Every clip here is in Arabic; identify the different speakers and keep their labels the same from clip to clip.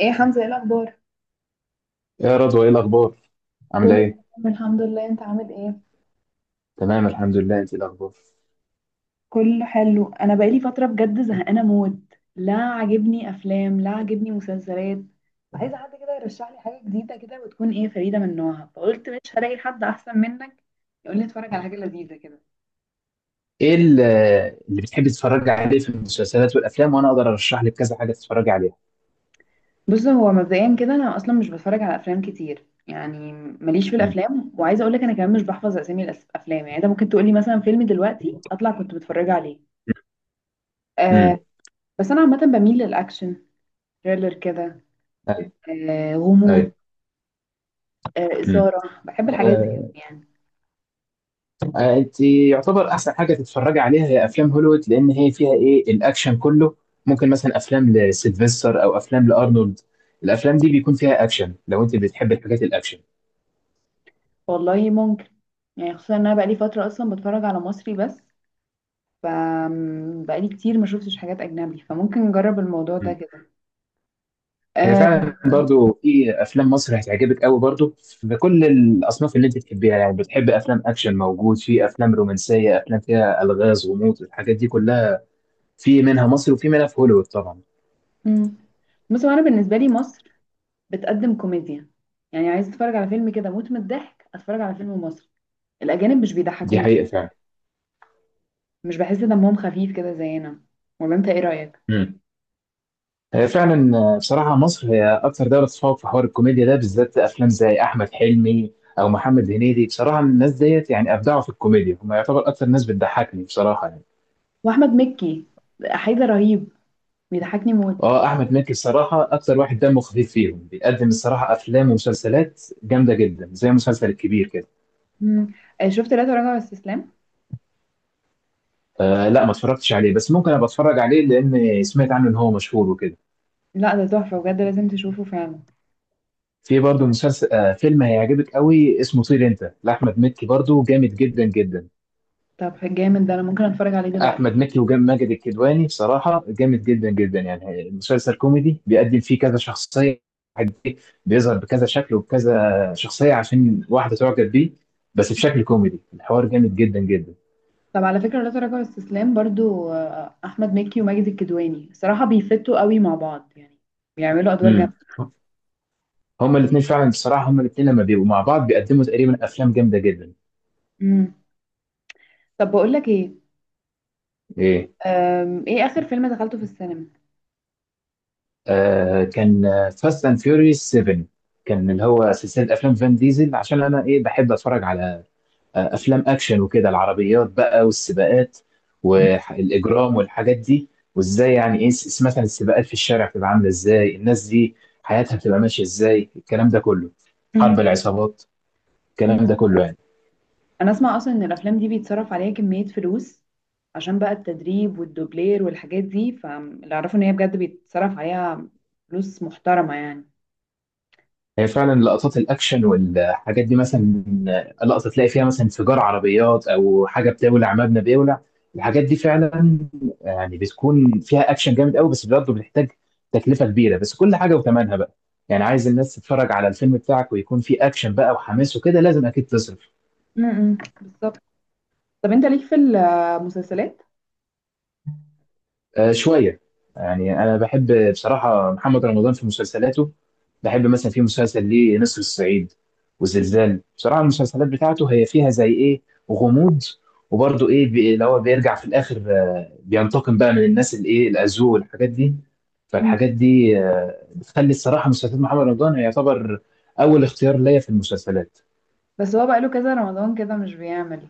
Speaker 1: ايه يا حمزة، ايه الاخبار؟
Speaker 2: يا رضوى، ايه الاخبار؟ عامله
Speaker 1: كله
Speaker 2: ايه؟
Speaker 1: تمام الحمد لله، انت عامل ايه؟
Speaker 2: تمام، الحمد لله. انت إيه الاخبار؟
Speaker 1: كله حلو. انا بقالي فترة بجد زهقانة موت، لا عاجبني افلام لا عاجبني مسلسلات. عايزة حد كده يرشح لي حاجة جديدة كده وتكون ايه فريدة من نوعها، فقلت مش هلاقي حد احسن منك يقول لي اتفرج على حاجة لذيذة كده.
Speaker 2: ايه ال- اللي بتحبي تتفرجي عليه في المسلسلات والافلام، وانا اقدر ارشح لك كذا حاجه تتفرجي عليها.
Speaker 1: بص، هو مبدئيا كده انا اصلا مش بتفرج على افلام كتير، يعني ماليش في
Speaker 2: امم.
Speaker 1: الافلام، وعايزه اقول لك انا كمان مش بحفظ اسامي الافلام، يعني انت ممكن تقول لي مثلا فيلم دلوقتي اطلع كنت بتفرج عليه. أه.
Speaker 2: امم.
Speaker 1: بس انا عامه بميل للاكشن، تhriller كده.
Speaker 2: ايوه.
Speaker 1: آه، غموض.
Speaker 2: ايوه.
Speaker 1: آه،
Speaker 2: امم.
Speaker 1: إثارة، بحب الحاجات دي أوي
Speaker 2: آه.
Speaker 1: يعني.
Speaker 2: آه، انت يعتبر احسن حاجه تتفرجي عليها هي افلام هوليوود، لان هي فيها الاكشن كله. ممكن مثلا افلام لسيلفستر او افلام لارنولد. الافلام دي بيكون فيها اكشن، لو انت بتحبي الحاجات الاكشن.
Speaker 1: والله ممكن، يعني خصوصا إن أنا بقالي فترة أصلا بتفرج على مصري بس. ف بقالي كتير ما شفتش حاجات أجنبي، فممكن نجرب الموضوع ده كده.
Speaker 2: هي
Speaker 1: آه.
Speaker 2: فعلا برضو في افلام مصر هتعجبك قوي، برضو في كل الاصناف اللي انت تحبيها، يعني بتحب افلام اكشن موجود، في افلام رومانسيه، افلام فيها الغاز، غموض، الحاجات دي كلها. في منها مصر وفي منها في هوليوود طبعا.
Speaker 1: م. بص، هو أنا بالنسبة لي مصر بتقدم كوميديا، يعني عايز أتفرج على فيلم كده موت من الضحك أتفرج على فيلم مصري. الأجانب مش
Speaker 2: دي
Speaker 1: بيضحكوني،
Speaker 2: حقيقه فعلا.
Speaker 1: مش بحس دمهم خفيف كده زينا. ولا أنت إيه رأيك؟
Speaker 2: امم. هي فعلا بصراحه مصر هي اكثر دوله تتفوق في حوار الكوميديا ده، بالذات افلام زي احمد حلمي او محمد هنيدي. بصراحه الناس ديت يعني ابدعوا في الكوميديا، هم يعتبر اكثر ناس بتضحكني بصراحه يعني.
Speaker 1: وأحمد مكي، حيدر رهيب، بيضحكني موت.
Speaker 2: اه، احمد مكي الصراحه اكتر واحد دمه خفيف فيهم، بيقدم الصراحه افلام ومسلسلات جامده جدا، زي مسلسل الكبير كده.
Speaker 1: م. آه، شفت لا تراجع ولا استسلام؟
Speaker 2: آه، لا ما اتفرجتش عليه، بس ممكن ابقى اتفرج عليه، لان سمعت عنه ان هو مشهور وكده.
Speaker 1: لا، ده تحفة بجد لازم تشوفه فعلا.
Speaker 2: في برضه مسلسل، آه، فيلم هيعجبك قوي اسمه طير انت لاحمد مكي، برضه جامد جدا جدا.
Speaker 1: طب جامد ده انا ممكن اتفرج عليه دلوقتي.
Speaker 2: احمد مكي وماجد الكدواني بصراحه جامد جدا جدا. يعني المسلسل كوميدي، بيقدم فيه كذا شخصيه. واحد إيه، بيظهر بكذا شكل وبكذا شخصيه عشان واحده تعجب بيه، بس بشكل كوميدي. الحوار جامد جدا جدا.
Speaker 1: طب على فكرة، لا تراجع واستسلام برضو احمد مكي وماجد الكدواني، الصراحة بيفتوا قوي مع بعض يعني، بيعملوا ادوار جامدة.
Speaker 2: امم. هما الاثنين فعلا بصراحه، هما الاثنين لما بيبقوا مع بعض بيقدموا تقريبا افلام جامده جدا.
Speaker 1: امم. طب بقول لك ايه،
Speaker 2: ايه.
Speaker 1: ايه اخر فيلم دخلته في السينما؟
Speaker 2: آه، كان فاست اند فيوريوس 7. كان اللي هو سلسله افلام فان ديزل، عشان انا بحب اتفرج على افلام اكشن وكده، العربيات بقى والسباقات
Speaker 1: مم.
Speaker 2: والاجرام والحاجات دي. وازاي يعني مثلا السباقات في الشارع بتبقى عامله ازاي، الناس دي حياتها بتبقى ماشيه ازاي، الكلام ده كله، حرب
Speaker 1: مم.
Speaker 2: العصابات،
Speaker 1: مم.
Speaker 2: الكلام ده كله يعني.
Speaker 1: انا اسمع اصلا ان الافلام دي بيتصرف عليها كمية فلوس، عشان بقى التدريب والدوبلير والحاجات دي، فاللي اعرفه ان هي بجد بيتصرف عليها فلوس محترمة يعني.
Speaker 2: هي فعلا لقطات الاكشن والحاجات دي، مثلا لقطه تلاقي فيها مثلا انفجار عربيات او حاجه بتولع، مبنى بيولع، الحاجات دي فعلا يعني بتكون فيها اكشن جامد قوي، بس برضه بتحتاج تكلفه كبيره، بس كل حاجه وثمنها بقى. يعني عايز الناس تتفرج على الفيلم بتاعك ويكون فيه اكشن بقى وحماس وكده، لازم اكيد تصرف.
Speaker 1: امم، بالظبط. طب انت ليك في المسلسلات؟
Speaker 2: آه، شوية. يعني أنا بحب بصراحة محمد رمضان في مسلسلاته. بحب مثلا في مسلسل ليه نسر الصعيد
Speaker 1: مم.
Speaker 2: وزلزال. بصراحة المسلسلات بتاعته هي فيها زي إيه، غموض، وبرضه اللي هو بيرجع في الآخر، آه، بينتقم بقى من الناس الأذوة والحاجات دي. فالحاجات دي، آه، بتخلي الصراحة مسلسلات محمد رمضان يعتبر أول اختيار ليا في المسلسلات.
Speaker 1: بس هو بقاله كذا رمضان كده مش بيعمل،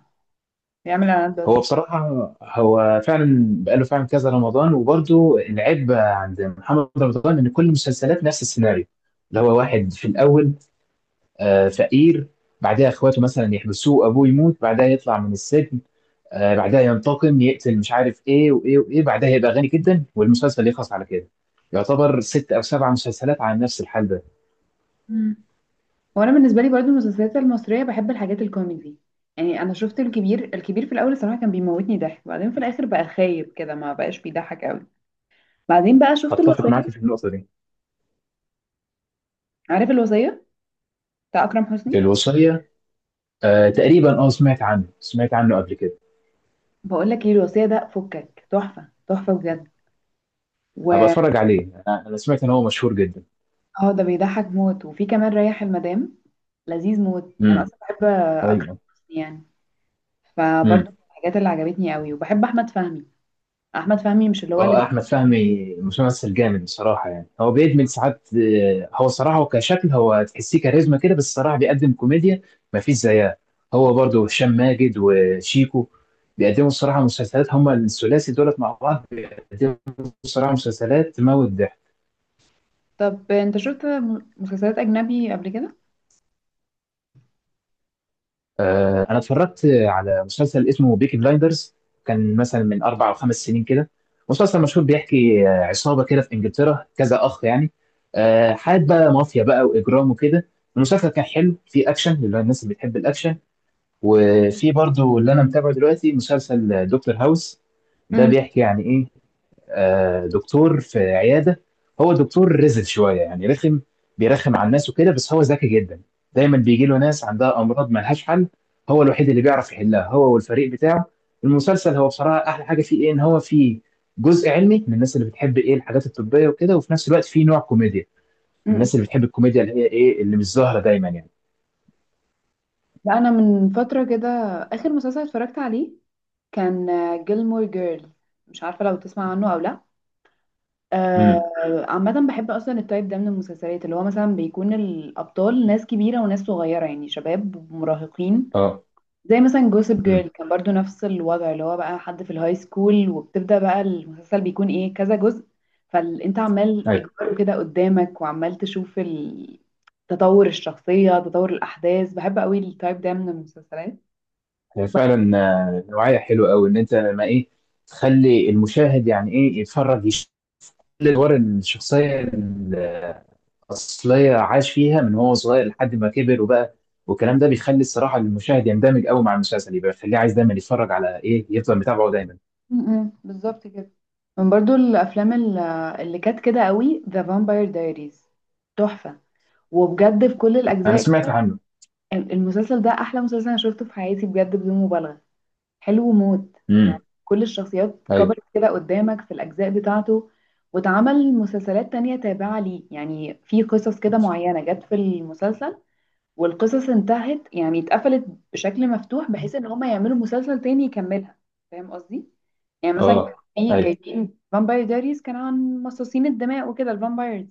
Speaker 1: بيعمل اعلانات
Speaker 2: هو
Speaker 1: بس.
Speaker 2: بصراحة هو فعلا بقاله فعلا كذا رمضان، وبرضه العيب عند محمد رمضان إن كل المسلسلات نفس السيناريو، اللي هو واحد في الأول، آه، فقير، بعدها إخواته مثلا يحبسوه، أبوه يموت، بعدها يطلع من السجن، آه، بعدها ينتقم، يقتل، مش عارف إيه وإيه وإيه، بعدها يبقى غني جدا، والمسلسل يخلص على كده. يعتبر ست أو سبع مسلسلات على نفس الحال ده.
Speaker 1: مم. وانا بالنسبه لي برضو المسلسلات المصريه بحب الحاجات الكوميدي. يعني انا شفت الكبير، الكبير في الاول الصراحه كان بيموتني ضحك، بعدين في الاخر بقى خايب كده ما بقاش بيضحك قوي. بعدين بقى شفت
Speaker 2: أتفق معاك في
Speaker 1: الوصيه.
Speaker 2: النقطة دي.
Speaker 1: عارف الوصيه بتاع اكرم حسني؟
Speaker 2: الوصية، آه، تقريبا. أه، سمعت عنه، سمعت عنه قبل كده.
Speaker 1: بقول لك ايه، الوصيه ده فكك تحفه تحفه بجد.
Speaker 2: هبقى
Speaker 1: و
Speaker 2: أتفرج عليه، أنا سمعت إن هو مشهور جدا.
Speaker 1: اه، ده بيضحك موت، وفي كمان ريح المدام، لذيذ موت، انا
Speaker 2: امم.
Speaker 1: اصلا بحب اكرم
Speaker 2: ايوه.
Speaker 1: حسني يعني. فبرضو من
Speaker 2: امم.
Speaker 1: الحاجات اللي عجبتني قوي، وبحب احمد فهمي. احمد فهمي، مش اللي هو اللي
Speaker 2: اه،
Speaker 1: بي...
Speaker 2: احمد فهمي ممثل جامد بصراحه، يعني هو بيدمج ساعات، آه، هو صراحه هو كشكل هو تحسيه كاريزما كده، بس صراحه بيقدم كوميديا ما فيش زيها. هو برضه هشام ماجد وشيكو بيقدموا الصراحه مسلسلات، هما الثلاثي دولت مع بعض بيقدموا الصراحه مسلسلات تموت ضحك.
Speaker 1: طب انت شفت مسلسلات اجنبي قبل كده؟
Speaker 2: آه، انا اتفرجت على مسلسل اسمه بيكي بلايندرز، كان مثلا من اربع او خمس سنين كده. مسلسل مشهور بيحكي، آه، عصابه كده في انجلترا، كذا اخ يعني، آه، حياه بقى مافيا بقى واجرام وكده. المسلسل كان حلو، فيه اكشن للناس اللي بتحب الاكشن. وفي برضو اللي انا متابعه دلوقتي، مسلسل دكتور هاوس. ده
Speaker 1: امم.
Speaker 2: بيحكي يعني ايه، آه، دكتور في عياده، هو دكتور رزل شويه يعني رخم، بيرخم على الناس وكده، بس هو ذكي جدا. دايما بيجي له ناس عندها امراض ما لهاش حل، هو الوحيد اللي بيعرف يحلها، هو والفريق بتاعه. المسلسل هو بصراحه احلى حاجه فيه ان هو فيه جزء علمي، من الناس اللي بتحب الحاجات الطبيه وكده، وفي نفس الوقت فيه نوع كوميديا،
Speaker 1: امم.
Speaker 2: الناس اللي بتحب الكوميديا اللي هي اللي مش ظاهره دايما يعني.
Speaker 1: لا، انا من فتره كده اخر مسلسل اتفرجت عليه كان جيلمور جيرل، مش عارفه لو تسمع عنه او لا.
Speaker 2: امم.
Speaker 1: آه، عامه بحب اصلا التايب ده من المسلسلات، اللي هو مثلا بيكون الابطال ناس كبيره وناس صغيره يعني شباب ومراهقين.
Speaker 2: اه.
Speaker 1: زي مثلا جوسب جيرل
Speaker 2: امم.
Speaker 1: كان برضو نفس الوضع، اللي هو بقى حد في الهاي سكول، وبتبدأ بقى المسلسل بيكون ايه كذا جزء، فانت عمال
Speaker 2: ايوه.
Speaker 1: اجباره كده قدامك وعمال تشوف تطور الشخصية، تطور الأحداث. بحب قوي التايب ده من المسلسلات.
Speaker 2: هي
Speaker 1: وب-
Speaker 2: فعلا، آه، نوعيه حلوه قوي ان انت ما تخلي المشاهد يعني يتفرج، الادوار الشخصيه الاصليه عاش فيها من هو صغير لحد ما كبر وبقى، والكلام ده بيخلي الصراحه المشاهد يندمج قوي مع المسلسل، يبقى بيخليه عايز دايما يتفرج، على يفضل متابعه دايما.
Speaker 1: م- بالظبط كده. من برضو الأفلام اللي كانت كده قوي، ذا فامباير دايريز، تحفة، وبجد في كل
Speaker 2: انا
Speaker 1: الأجزاء
Speaker 2: سمعت
Speaker 1: كده.
Speaker 2: عنه.
Speaker 1: المسلسل ده أحلى مسلسل أنا شفته في حياتي، بجد بدون مبالغة، حلو موت. يعني
Speaker 2: امم.
Speaker 1: كل الشخصيات
Speaker 2: ايوه.
Speaker 1: كبرت كده قدامك في الأجزاء بتاعته، واتعمل مسلسلات تانية تابعة ليه، يعني في قصص كده معينة جت في المسلسل والقصص انتهت يعني اتقفلت بشكل مفتوح، بحيث ان هما يعملوا مسلسل تاني يكملها. فاهم قصدي؟ يعني مثلا كان
Speaker 2: اه.
Speaker 1: في
Speaker 2: ايوه.
Speaker 1: جايبين فامباير دايريز كان عن مصاصين الدماء وكده، الفامبايرز.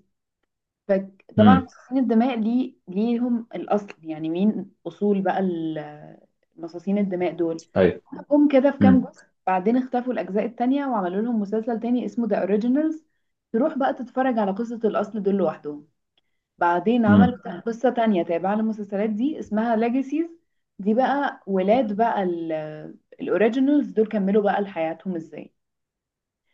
Speaker 1: فطبعا
Speaker 2: امم.
Speaker 1: مصاصين الدماء ليه ليهم الأصل، يعني مين أصول بقى مصاصين الدماء دول،
Speaker 2: ايوه.
Speaker 1: جم كده في كام
Speaker 2: امم.
Speaker 1: جزء. بعدين اختفوا الأجزاء التانية، وعملوا لهم مسلسل تاني اسمه ذا اوريجينالز، تروح بقى تتفرج على قصة الأصل دول لوحدهم. بعدين عملوا قصة تانية تابعة للمسلسلات دي اسمها ليجاسيز. دي بقى ولاد بقى الاوريجينالز دول كملوا بقى لحياتهم ازاي.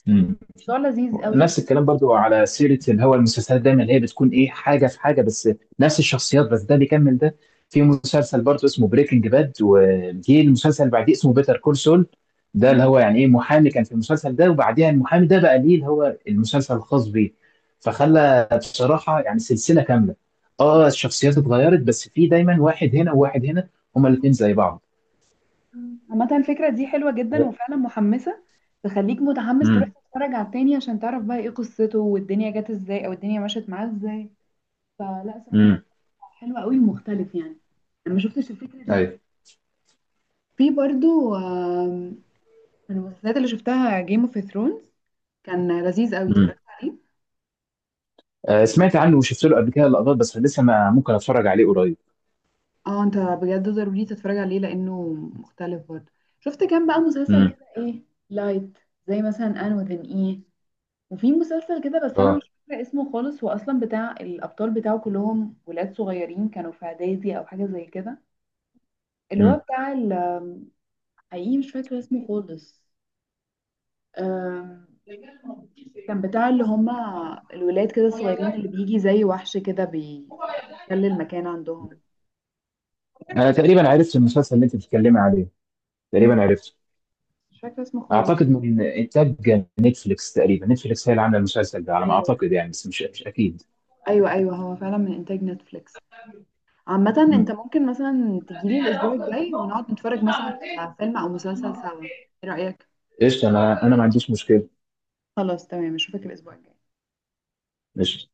Speaker 2: امم.
Speaker 1: الموضوع لذيذ قوي يعني.
Speaker 2: نفس الكلام برضو، على سيرة اللي هو المسلسلات دايما اللي هي بتكون حاجة في حاجة، بس نفس الشخصيات، بس ده بيكمل ده. في مسلسل برضو اسمه بريكنج باد، وجي المسلسل اللي بعديه اسمه بيتر كول سول، ده اللي
Speaker 1: مم.
Speaker 2: هو يعني ايه محامي كان في المسلسل ده، وبعديها المحامي ده بقى ليه اللي هو المسلسل الخاص بيه،
Speaker 1: آه.
Speaker 2: فخلى بصراحة يعني سلسلة كاملة. اه، الشخصيات اتغيرت، بس في دايما واحد هنا وواحد هنا، هما الاتنين زي بعض.
Speaker 1: عامة الفكرة دي حلوة جدا وفعلا محمسة، تخليك متحمس تروح
Speaker 2: امم.
Speaker 1: تتفرج على التاني عشان تعرف بقى ايه قصته، والدنيا جت ازاي او الدنيا مشت معاه ازاي. فلا صراحة،
Speaker 2: امم.
Speaker 1: حلو قوي مختلف يعني، انا ما شفتش الفكره دي.
Speaker 2: ايوه.
Speaker 1: في برضو، من المسلسلات اللي شفتها جيم اوف ثرونز، كان لذيذ قوي اتفرجت عليه.
Speaker 2: آه، سمعت عنه وشفت له قبل كده لقطات، بس لسه ما ممكن اتفرج عليه قريب.
Speaker 1: اه، انت بجد ضروري تتفرج عليه لانه مختلف برضو. شفت كام بقى مسلسل
Speaker 2: امم.
Speaker 1: كده، ايه لايت، زي مثلا ان وذن ايه. وفي مسلسل كده بس انا مش
Speaker 2: اه.
Speaker 1: فاكره اسمه خالص، هو اصلا بتاع الابطال بتاعه كلهم ولاد صغيرين كانوا في اعدادي او حاجه زي كده، اللي هو
Speaker 2: امم.
Speaker 1: بتاع حقيقي مش فاكره اسمه خالص. آم، كان بتاع اللي هما الولاد كده الصغيرين، اللي بيجي زي وحش كده بيحتل المكان عندهم.
Speaker 2: انا تقريبا عرفت المسلسل اللي انت بتتكلمي عليه،
Speaker 1: مم.
Speaker 2: تقريبا عرفته.
Speaker 1: مش فاكرة اسمه خالص.
Speaker 2: اعتقد من انتاج نتفليكس، تقريبا نتفليكس هي اللي عامله المسلسل ده على ما
Speaker 1: ايوه.
Speaker 2: اعتقد يعني، بس مش اكيد.
Speaker 1: ايوه، ايوه، هو فعلا من انتاج نتفليكس. عامة انت
Speaker 2: امم.
Speaker 1: ممكن مثلا تجيلي الاسبوع الجاي ونقعد نتفرج مثلا على فيلم او مسلسل سوا. ايه رأيك؟
Speaker 2: قشطه، انا ما عنديش مشكله.
Speaker 1: خلاص تمام، اشوفك الاسبوع الجاي.
Speaker 2: قشطه.